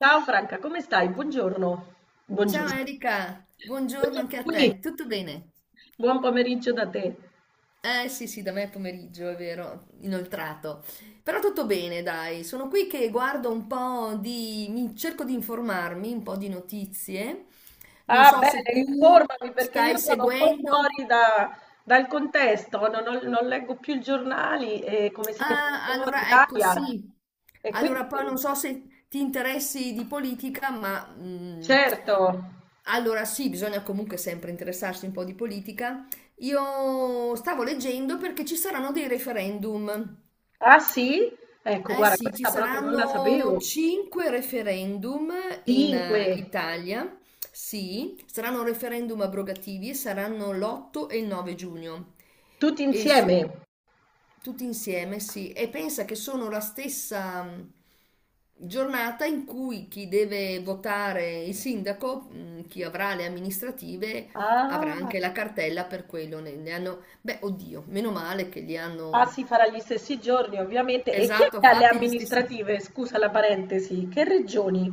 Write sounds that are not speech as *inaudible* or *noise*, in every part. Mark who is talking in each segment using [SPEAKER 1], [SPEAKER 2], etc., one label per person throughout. [SPEAKER 1] Ciao Franca, come stai? Buongiorno.
[SPEAKER 2] Ciao
[SPEAKER 1] Buongiorno.
[SPEAKER 2] Erika, buongiorno
[SPEAKER 1] Buongiorno
[SPEAKER 2] anche a
[SPEAKER 1] qui.
[SPEAKER 2] te, tutto bene?
[SPEAKER 1] Buon pomeriggio da te.
[SPEAKER 2] Eh sì sì, da me è pomeriggio, è vero, inoltrato. Però tutto bene, dai, sono qui che guardo un po' di... cerco di informarmi, un po' di notizie. Non
[SPEAKER 1] Ah,
[SPEAKER 2] so se
[SPEAKER 1] bene,
[SPEAKER 2] tu
[SPEAKER 1] informami perché io
[SPEAKER 2] stai
[SPEAKER 1] sono un po' fuori
[SPEAKER 2] seguendo.
[SPEAKER 1] dal contesto, non leggo più i giornali e come sai sono
[SPEAKER 2] Ah,
[SPEAKER 1] fuori in
[SPEAKER 2] allora ecco
[SPEAKER 1] Italia.
[SPEAKER 2] sì.
[SPEAKER 1] E quindi,
[SPEAKER 2] Allora poi non so se ti interessi di politica, ma...
[SPEAKER 1] certo.
[SPEAKER 2] allora sì, bisogna comunque sempre interessarsi un po' di politica. Io stavo leggendo perché ci saranno dei referendum.
[SPEAKER 1] Ah sì? Ecco,
[SPEAKER 2] Eh
[SPEAKER 1] guarda,
[SPEAKER 2] sì, ci
[SPEAKER 1] questa proprio non la
[SPEAKER 2] saranno
[SPEAKER 1] sapevo.
[SPEAKER 2] 5 referendum in
[SPEAKER 1] Cinque,
[SPEAKER 2] Italia. Sì, saranno referendum abrogativi e saranno l'8 e il 9 giugno.
[SPEAKER 1] tutti
[SPEAKER 2] E s-
[SPEAKER 1] insieme.
[SPEAKER 2] Tutti insieme, sì. E pensa che sono la stessa giornata in cui chi deve votare il sindaco, chi avrà le amministrative, avrà
[SPEAKER 1] Ah.
[SPEAKER 2] anche la cartella per quello. Ne hanno, beh, oddio, meno male che li
[SPEAKER 1] Ah,
[SPEAKER 2] hanno,
[SPEAKER 1] si farà gli stessi giorni, ovviamente. E chi è
[SPEAKER 2] esatto,
[SPEAKER 1] che ha le
[SPEAKER 2] fatti gli stessi.
[SPEAKER 1] amministrative? Scusa la parentesi. Che regioni?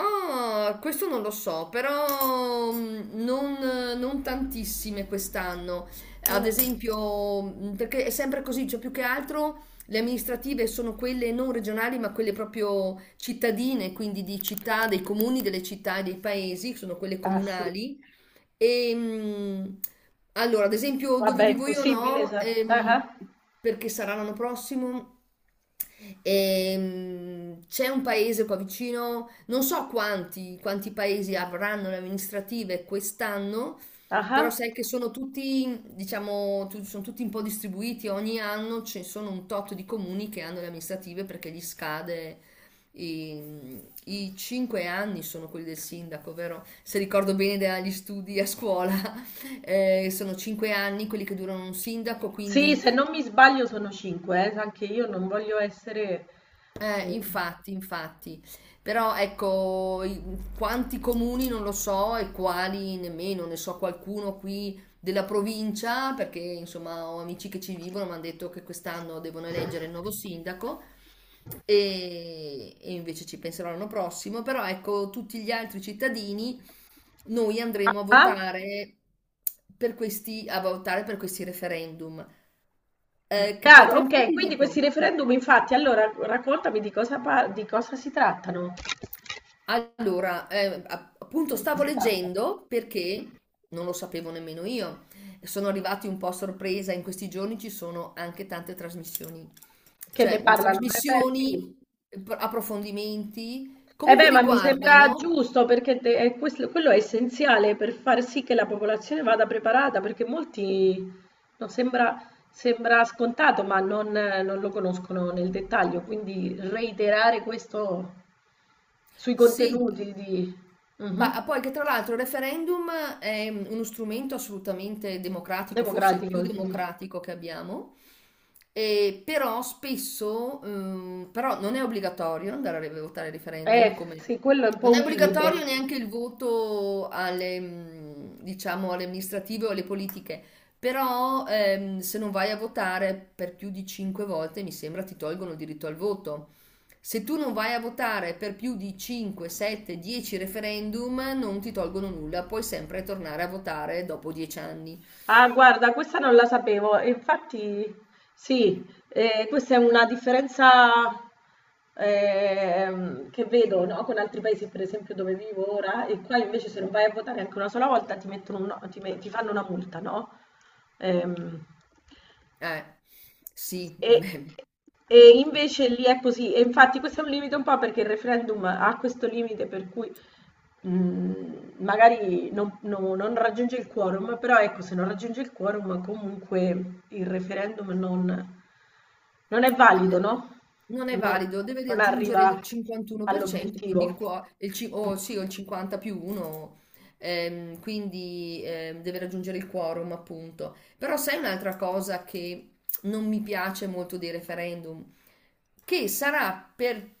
[SPEAKER 2] Ah, questo non lo so, però non tantissime quest'anno. Ad
[SPEAKER 1] Mm,
[SPEAKER 2] esempio, perché è sempre così, cioè più che altro le amministrative sono quelle non regionali, ma quelle proprio cittadine, quindi di città, dei comuni, delle città e dei paesi, sono quelle
[SPEAKER 1] Ah, sì.
[SPEAKER 2] comunali. E, mh, allora, ad esempio, dove
[SPEAKER 1] Vabbè, è
[SPEAKER 2] vivo io
[SPEAKER 1] impossibile.
[SPEAKER 2] no,
[SPEAKER 1] Ah, ah,
[SPEAKER 2] perché sarà l'anno prossimo. C'è un paese qua vicino, non so quanti paesi avranno le amministrative quest'anno,
[SPEAKER 1] ah.
[SPEAKER 2] però
[SPEAKER 1] Ah.
[SPEAKER 2] sai che sono tutti, diciamo, sono tutti un po' distribuiti, ogni anno ci sono un tot di comuni che hanno le amministrative perché gli scade i, i cinque anni sono quelli del sindaco, vero? Se ricordo bene dagli studi a scuola, *laughs* sono 5 anni quelli che durano un sindaco,
[SPEAKER 1] Sì,
[SPEAKER 2] quindi
[SPEAKER 1] se non mi sbaglio sono cinque. Anche io non voglio essere.
[SPEAKER 2] infatti. Però ecco, quanti comuni non lo so e quali nemmeno, ne so qualcuno qui della provincia, perché insomma ho amici che ci vivono, mi hanno detto che quest'anno devono eleggere il nuovo sindaco e invece ci penserò l'anno prossimo, però ecco, tutti gli altri cittadini. Noi
[SPEAKER 1] Ah,
[SPEAKER 2] andremo a
[SPEAKER 1] ah.
[SPEAKER 2] votare per questi, a votare per questi referendum, che poi
[SPEAKER 1] Chiaro,
[SPEAKER 2] tra un po'
[SPEAKER 1] ok,
[SPEAKER 2] ti
[SPEAKER 1] quindi questi
[SPEAKER 2] dico.
[SPEAKER 1] referendum, infatti, allora raccontami di cosa si trattano.
[SPEAKER 2] Allora, appunto
[SPEAKER 1] Di
[SPEAKER 2] stavo
[SPEAKER 1] cosa trattano.
[SPEAKER 2] leggendo perché non lo sapevo nemmeno io. Sono arrivati un po' a sorpresa, in questi giorni ci sono anche tante
[SPEAKER 1] Che ne parlano? Beh, sì.
[SPEAKER 2] trasmissioni, approfondimenti,
[SPEAKER 1] Eh
[SPEAKER 2] comunque
[SPEAKER 1] beh, ma mi sembra
[SPEAKER 2] riguardano,
[SPEAKER 1] giusto perché quello è essenziale per far sì che la popolazione vada preparata, perché molti no, sembra scontato, ma non lo conoscono nel dettaglio, quindi reiterare questo sui
[SPEAKER 2] sì.
[SPEAKER 1] contenuti di. Mhm.
[SPEAKER 2] Ma poi che tra l'altro il referendum è uno strumento assolutamente democratico, forse il più
[SPEAKER 1] Democratico, sì.
[SPEAKER 2] democratico che abbiamo, e però spesso, però non è obbligatorio andare a votare il referendum, come
[SPEAKER 1] Sì, quello è un po'
[SPEAKER 2] non è
[SPEAKER 1] un
[SPEAKER 2] obbligatorio
[SPEAKER 1] limite.
[SPEAKER 2] neanche il voto alle, diciamo, alle amministrative o alle politiche, però se non vai a votare per più di 5 volte, mi sembra, ti tolgono il diritto al voto. Se tu non vai a votare per più di 5, 7, 10 referendum, non ti tolgono nulla, puoi sempre tornare a votare dopo 10 anni.
[SPEAKER 1] Ah, guarda, questa non la sapevo. E infatti, sì, questa è una differenza che vedo, no, con altri paesi, per esempio, dove vivo ora, e qua invece se non vai a votare anche una sola volta ti mettono no, ti fanno una multa, no? Ehm,
[SPEAKER 2] Eh, sì, *laughs*
[SPEAKER 1] e,
[SPEAKER 2] beh,
[SPEAKER 1] e invece lì è così. E infatti questo è un limite un po' perché il referendum ha questo limite per cui magari non raggiunge il quorum, però ecco, se non raggiunge il quorum comunque il referendum non è
[SPEAKER 2] eh,
[SPEAKER 1] valido, no?
[SPEAKER 2] non è
[SPEAKER 1] Non,
[SPEAKER 2] valido, deve
[SPEAKER 1] non
[SPEAKER 2] riaggiungere
[SPEAKER 1] arriva
[SPEAKER 2] il 51%, quindi il
[SPEAKER 1] all'obiettivo.
[SPEAKER 2] qua- il ci- o sì, o il 50 più 1, quindi deve raggiungere il quorum, appunto. Però sai un'altra cosa che non mi piace molto dei referendum, che sarà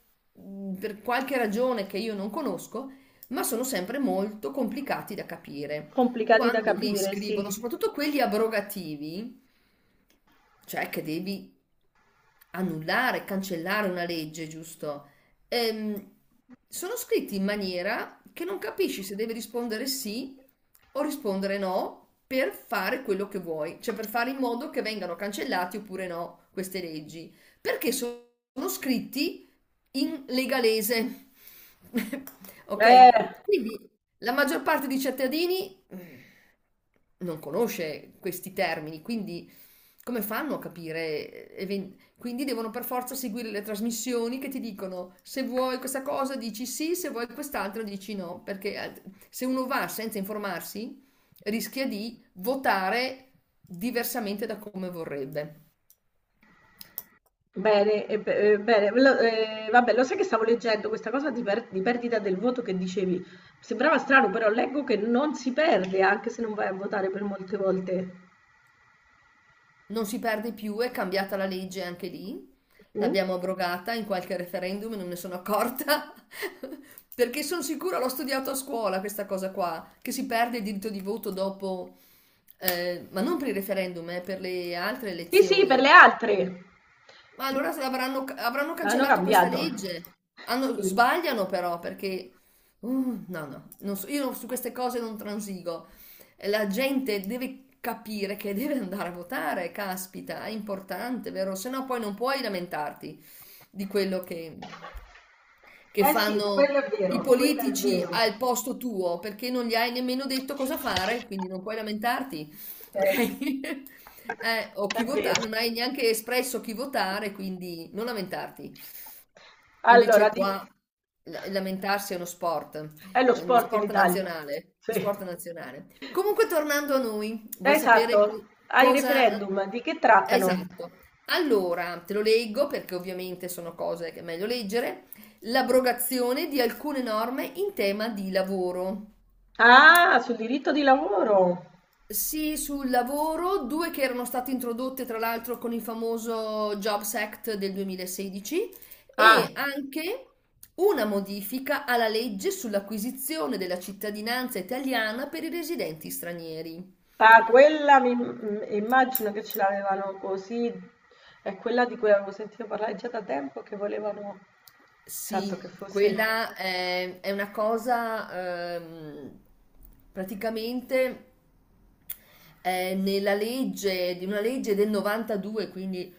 [SPEAKER 2] per qualche ragione che io non conosco, ma sono sempre molto complicati da capire
[SPEAKER 1] Complicati da
[SPEAKER 2] quando li
[SPEAKER 1] capire, sì.
[SPEAKER 2] scrivono, soprattutto quelli abrogativi, cioè che devi annullare, cancellare una legge, giusto? Ehm, Sono scritti in maniera che non capisci se devi rispondere sì o rispondere no per fare quello che vuoi, cioè per fare in modo che vengano cancellati oppure no queste leggi, perché sono scritti in legalese. *laughs* Ok?
[SPEAKER 1] Eh,
[SPEAKER 2] Quindi la maggior parte dei cittadini... Mm. Non conosce questi termini, quindi come fanno a capire? Quindi devono per forza seguire le trasmissioni che ti dicono se vuoi questa cosa dici sì, se vuoi quest'altro dici no, perché se uno va senza informarsi rischia di votare diversamente da come vorrebbe.
[SPEAKER 1] bene. Vabbè, lo sai che stavo leggendo questa cosa di perdita del voto che dicevi. Sembrava strano, però leggo che non si perde anche se non vai a votare per molte volte.
[SPEAKER 2] Non si perde più, è cambiata la legge anche lì.
[SPEAKER 1] Mm?
[SPEAKER 2] L'abbiamo abrogata in qualche referendum e non ne sono accorta. *laughs* Perché sono sicura, l'ho studiato a scuola questa cosa qua, che si perde il diritto di voto dopo, ma non per il referendum, per le altre
[SPEAKER 1] Sì, sì, per
[SPEAKER 2] elezioni.
[SPEAKER 1] le altre.
[SPEAKER 2] Ma allora se avranno, avranno
[SPEAKER 1] L'hanno
[SPEAKER 2] cancellato questa
[SPEAKER 1] cambiato.
[SPEAKER 2] legge?
[SPEAKER 1] Sì.
[SPEAKER 2] Sbagliano però perché... no, no, non so- io su queste cose non transigo. La gente deve capire che deve andare a votare, caspita, è importante, vero? Se no poi non puoi lamentarti di quello che
[SPEAKER 1] Eh sì,
[SPEAKER 2] fanno
[SPEAKER 1] quello è
[SPEAKER 2] i
[SPEAKER 1] vero, quello è
[SPEAKER 2] politici
[SPEAKER 1] vero.
[SPEAKER 2] al posto tuo perché non gli hai nemmeno detto cosa fare, quindi non puoi lamentarti,
[SPEAKER 1] Eh
[SPEAKER 2] ok?
[SPEAKER 1] sì,
[SPEAKER 2] *laughs* O chi
[SPEAKER 1] è vero.
[SPEAKER 2] votare, non hai neanche espresso chi votare, quindi non lamentarti.
[SPEAKER 1] Allora,
[SPEAKER 2] Invece qua lamentarsi
[SPEAKER 1] è lo
[SPEAKER 2] è uno
[SPEAKER 1] sport in
[SPEAKER 2] sport
[SPEAKER 1] Italia.
[SPEAKER 2] nazionale,
[SPEAKER 1] Sì.
[SPEAKER 2] sport nazionale. Comunque tornando a noi, vuoi sapere
[SPEAKER 1] Esatto.
[SPEAKER 2] co-
[SPEAKER 1] Ai
[SPEAKER 2] cosa...
[SPEAKER 1] referendum di che trattano?
[SPEAKER 2] Esatto. Allora, te lo leggo perché ovviamente sono cose che è meglio leggere. L'abrogazione di alcune norme in tema di lavoro.
[SPEAKER 1] Ah, sul diritto di lavoro.
[SPEAKER 2] Sì, sul lavoro, due che erano state introdotte tra l'altro con il famoso Jobs Act del 2016,
[SPEAKER 1] Ah,
[SPEAKER 2] e anche una modifica alla legge sull'acquisizione della cittadinanza italiana per i residenti stranieri.
[SPEAKER 1] ah, quella immagino che ce l'avevano così. È quella di cui avevo sentito parlare già da tempo che volevano, esatto, che
[SPEAKER 2] Sì,
[SPEAKER 1] fosse.
[SPEAKER 2] quella è una cosa praticamente nella legge, di una legge del 92, quindi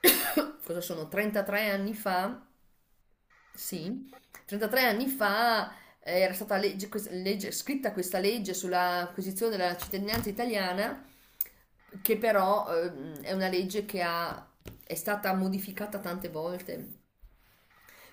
[SPEAKER 2] *coughs* cosa sono 33 anni fa. Sì, 33 anni fa era stata legge- questa- legge- scritta questa legge sull'acquisizione della cittadinanza italiana, che però è una legge che ha- è stata modificata tante volte,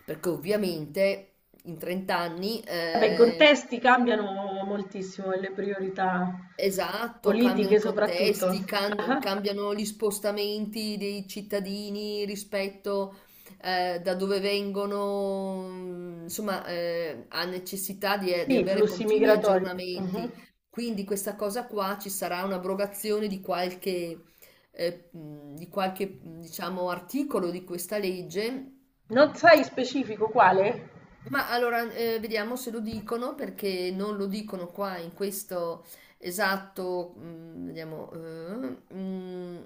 [SPEAKER 2] perché ovviamente in 30 anni
[SPEAKER 1] Vabbè, i
[SPEAKER 2] eh...
[SPEAKER 1] contesti cambiano moltissimo e le priorità
[SPEAKER 2] Esatto, cambiano
[SPEAKER 1] politiche
[SPEAKER 2] i
[SPEAKER 1] soprattutto.
[SPEAKER 2] contesti,
[SPEAKER 1] Ah,
[SPEAKER 2] cambiano gli spostamenti dei cittadini rispetto da dove vengono, insomma, ha necessità di
[SPEAKER 1] sì,
[SPEAKER 2] avere
[SPEAKER 1] flussi
[SPEAKER 2] continui
[SPEAKER 1] migratori. Mhm.
[SPEAKER 2] aggiornamenti. Quindi questa cosa qua ci sarà un'abrogazione di qualche, diciamo, articolo di questa legge.
[SPEAKER 1] Non sai specifico quale?
[SPEAKER 2] Ma allora, vediamo se lo dicono perché non lo dicono qua in questo, esatto. mm, vediamo. Mm,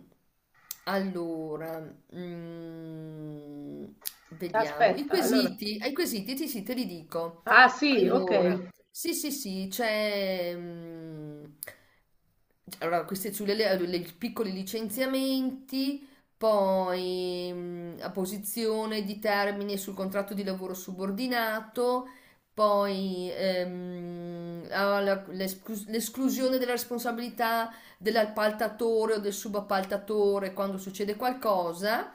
[SPEAKER 2] allora, mm, vediamo. I
[SPEAKER 1] Aspetta, allora.
[SPEAKER 2] quesiti, ai quesiti sì, sì, te li dico.
[SPEAKER 1] Ah sì,
[SPEAKER 2] Allora,
[SPEAKER 1] ok.
[SPEAKER 2] sì, sì, sì, c'è. Allora, questi sulle i piccoli licenziamenti. Poi a posizione di termine sul contratto di lavoro subordinato, poi l'esclusione della responsabilità dell'appaltatore o del subappaltatore quando succede qualcosa.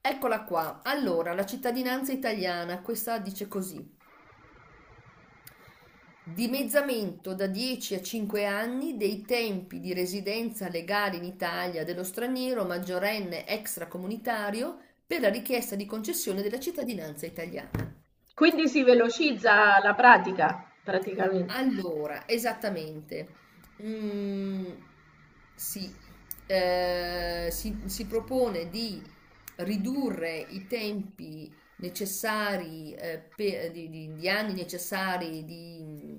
[SPEAKER 2] Eccola qua. Allora, la cittadinanza italiana, questa dice così. Dimezzamento da 10 a 5 anni dei tempi di residenza legale in Italia dello straniero maggiorenne extracomunitario per la richiesta di concessione della cittadinanza italiana.
[SPEAKER 1] Quindi si velocizza la pratica, praticamente.
[SPEAKER 2] Allora, esattamente. Mm, sì, eh, si propone di ridurre i tempi necessari, di anni necessari di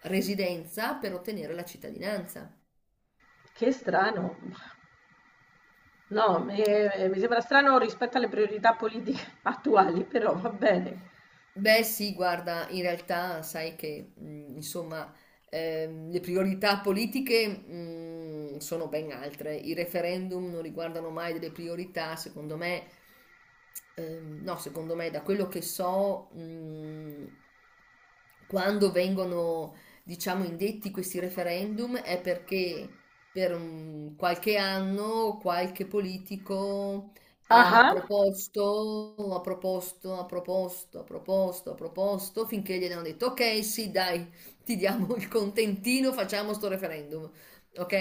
[SPEAKER 2] residenza per ottenere la cittadinanza.
[SPEAKER 1] Che strano. No, mi sembra strano rispetto alle priorità politiche *laughs* attuali, però va bene.
[SPEAKER 2] Beh sì, guarda, in realtà sai che insomma le priorità politiche sono ben altre. I referendum non riguardano mai delle priorità, secondo me, no, secondo me, da quello che so, quando vengono, diciamo, indetti questi referendum è perché per un qualche anno qualche politico
[SPEAKER 1] Ah, ah.
[SPEAKER 2] ha proposto, finché gli hanno detto, ok, sì, dai, ti diamo il contentino, facciamo sto referendum, ok?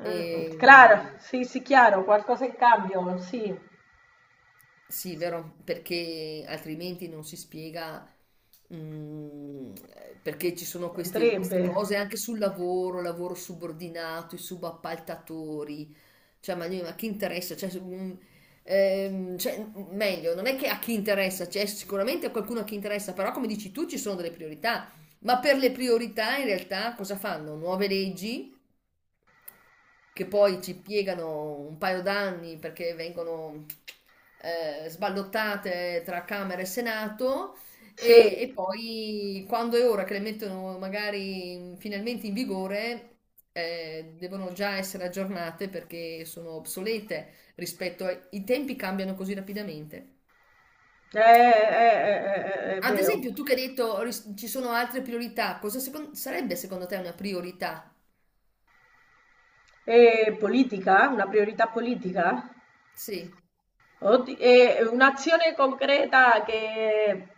[SPEAKER 1] Mm. Claro,
[SPEAKER 2] E,
[SPEAKER 1] sì, sì, chiaro, qualcosa in cambio, sì,
[SPEAKER 2] sì, vero, perché altrimenti non si spiega mm, perché ci sono
[SPEAKER 1] potrebbe.
[SPEAKER 2] queste cose anche sul lavoro, lavoro subordinato, i subappaltatori. Cioè, ma chi interessa? Cioè, cioè, meglio, non è che a chi interessa, c'è cioè, sicuramente a qualcuno a chi interessa, però come dici tu ci sono delle priorità. Ma per le priorità in realtà cosa fanno? Nuove leggi? Che poi ci piegano un paio d'anni perché vengono sballottate tra Camera e Senato.
[SPEAKER 1] Sì,
[SPEAKER 2] E poi quando è ora che le mettono magari finalmente in vigore, devono già essere aggiornate perché sono obsolete rispetto ai i tempi cambiano così rapidamente.
[SPEAKER 1] È
[SPEAKER 2] Ad
[SPEAKER 1] vero.
[SPEAKER 2] esempio, tu che hai detto ci sono altre priorità, sarebbe secondo te una priorità?
[SPEAKER 1] E politica? Una priorità politica?
[SPEAKER 2] Sì.
[SPEAKER 1] E un'azione concreta che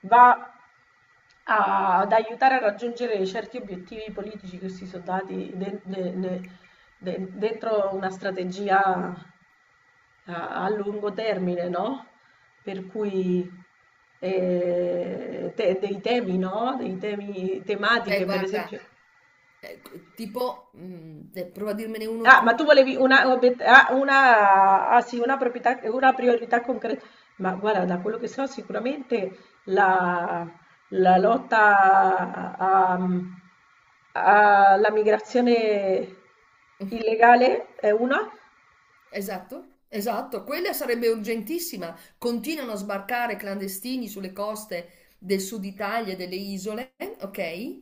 [SPEAKER 1] va ad aiutare a raggiungere certi obiettivi politici che si sono dati dentro una strategia a lungo termine, no? Per cui dei temi, no? Dei temi
[SPEAKER 2] Beh,
[SPEAKER 1] tematiche, per
[SPEAKER 2] guarda,
[SPEAKER 1] esempio.
[SPEAKER 2] ecco, tipo, prova a dirmene uno
[SPEAKER 1] Ah, ma tu
[SPEAKER 2] tu.
[SPEAKER 1] volevi una, obiet- ah, una- ah, sì, una priorità concreta. Ma guarda, da quello che so, sicuramente la, la lotta alla migrazione
[SPEAKER 2] *laughs*
[SPEAKER 1] illegale è una.
[SPEAKER 2] Esatto, esatto, quella sarebbe urgentissima. Continuano a sbarcare clandestini sulle coste del sud Italia e delle isole, ok?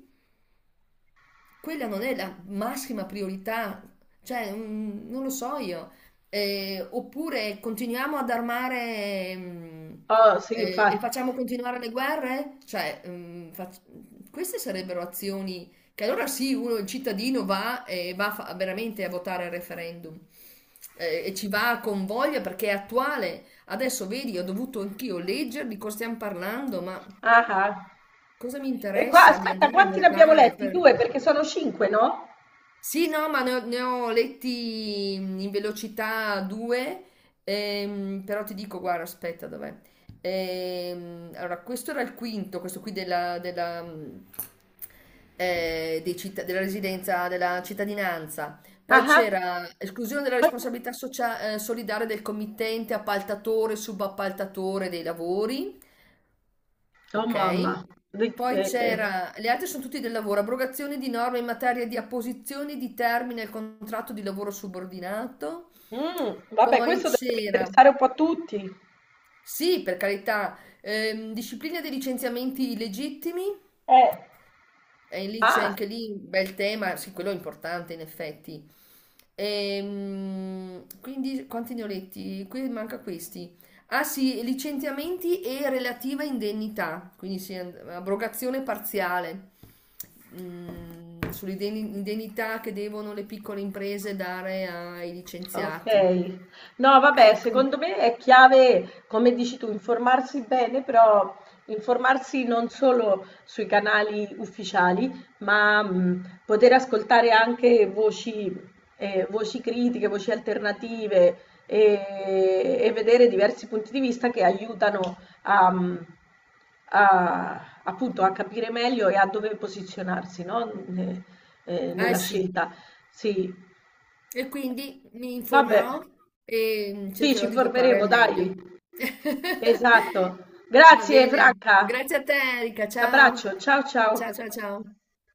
[SPEAKER 2] Quella non è la massima priorità, cioè non lo so io. Oppure continuiamo ad armare
[SPEAKER 1] Oh, sì,
[SPEAKER 2] e
[SPEAKER 1] infatti.
[SPEAKER 2] facciamo continuare le guerre? Cioè, queste sarebbero azioni che allora sì, uno, il cittadino va e veramente a votare il referendum e ci va con voglia perché è attuale. Adesso vedi, ho dovuto anch'io leggere di cosa stiamo parlando, ma
[SPEAKER 1] Ah, ah.
[SPEAKER 2] cosa mi
[SPEAKER 1] E qua,
[SPEAKER 2] interessa di
[SPEAKER 1] aspetta,
[SPEAKER 2] andare a
[SPEAKER 1] quanti ne abbiamo
[SPEAKER 2] votare
[SPEAKER 1] letti?
[SPEAKER 2] per...
[SPEAKER 1] Due, perché sono cinque, no?
[SPEAKER 2] Sì, no, ma ne ho letti in velocità due, però ti dico, guarda, aspetta, dov'è? Allora, questo era il quinto, questo qui della residenza, della cittadinanza.
[SPEAKER 1] Ah,
[SPEAKER 2] Poi
[SPEAKER 1] ah.
[SPEAKER 2] c'era esclusione della responsabilità solidale del committente, appaltatore, subappaltatore dei lavori,
[SPEAKER 1] Oh,
[SPEAKER 2] ok?
[SPEAKER 1] mamma. Di-
[SPEAKER 2] Poi
[SPEAKER 1] eh, che-
[SPEAKER 2] c'era, le altre sono tutti del lavoro, abrogazione di norme in materia di apposizione di termine al contratto di lavoro subordinato.
[SPEAKER 1] Vabbè,
[SPEAKER 2] Poi
[SPEAKER 1] questo deve
[SPEAKER 2] c'era,
[SPEAKER 1] interessare un po' a tutti.
[SPEAKER 2] sì, per carità, disciplina dei licenziamenti illegittimi.
[SPEAKER 1] Eh.
[SPEAKER 2] E lì c'è
[SPEAKER 1] Ah.
[SPEAKER 2] anche lì un bel tema, sì, quello è importante in effetti. Quindi quanti ne ho letti? Qui manca questi. Ah sì, licenziamenti e relativa indennità, quindi sì, abrogazione parziale sull'indennità che devono le piccole imprese dare ai
[SPEAKER 1] Ok,
[SPEAKER 2] licenziati.
[SPEAKER 1] no, vabbè,
[SPEAKER 2] Ecco,
[SPEAKER 1] secondo me è chiave, come dici tu, informarsi bene, però informarsi non solo sui canali ufficiali, ma poter ascoltare anche voci, voci critiche, voci alternative e vedere diversi punti di vista che aiutano a, mh, appunto, a capire meglio e a dove posizionarsi, no?
[SPEAKER 2] eh
[SPEAKER 1] Nella
[SPEAKER 2] sì.
[SPEAKER 1] scelta. Sì,
[SPEAKER 2] E quindi mi
[SPEAKER 1] vabbè,
[SPEAKER 2] informerò e
[SPEAKER 1] sì, ci
[SPEAKER 2] cercherò di votare
[SPEAKER 1] informeremo,
[SPEAKER 2] al meglio.
[SPEAKER 1] dai.
[SPEAKER 2] *laughs*
[SPEAKER 1] Esatto.
[SPEAKER 2] Va
[SPEAKER 1] Grazie
[SPEAKER 2] bene,
[SPEAKER 1] Franca.
[SPEAKER 2] grazie a te Erika, ciao.
[SPEAKER 1] L'abbraccio. Ciao ciao.
[SPEAKER 2] Ciao ciao ciao.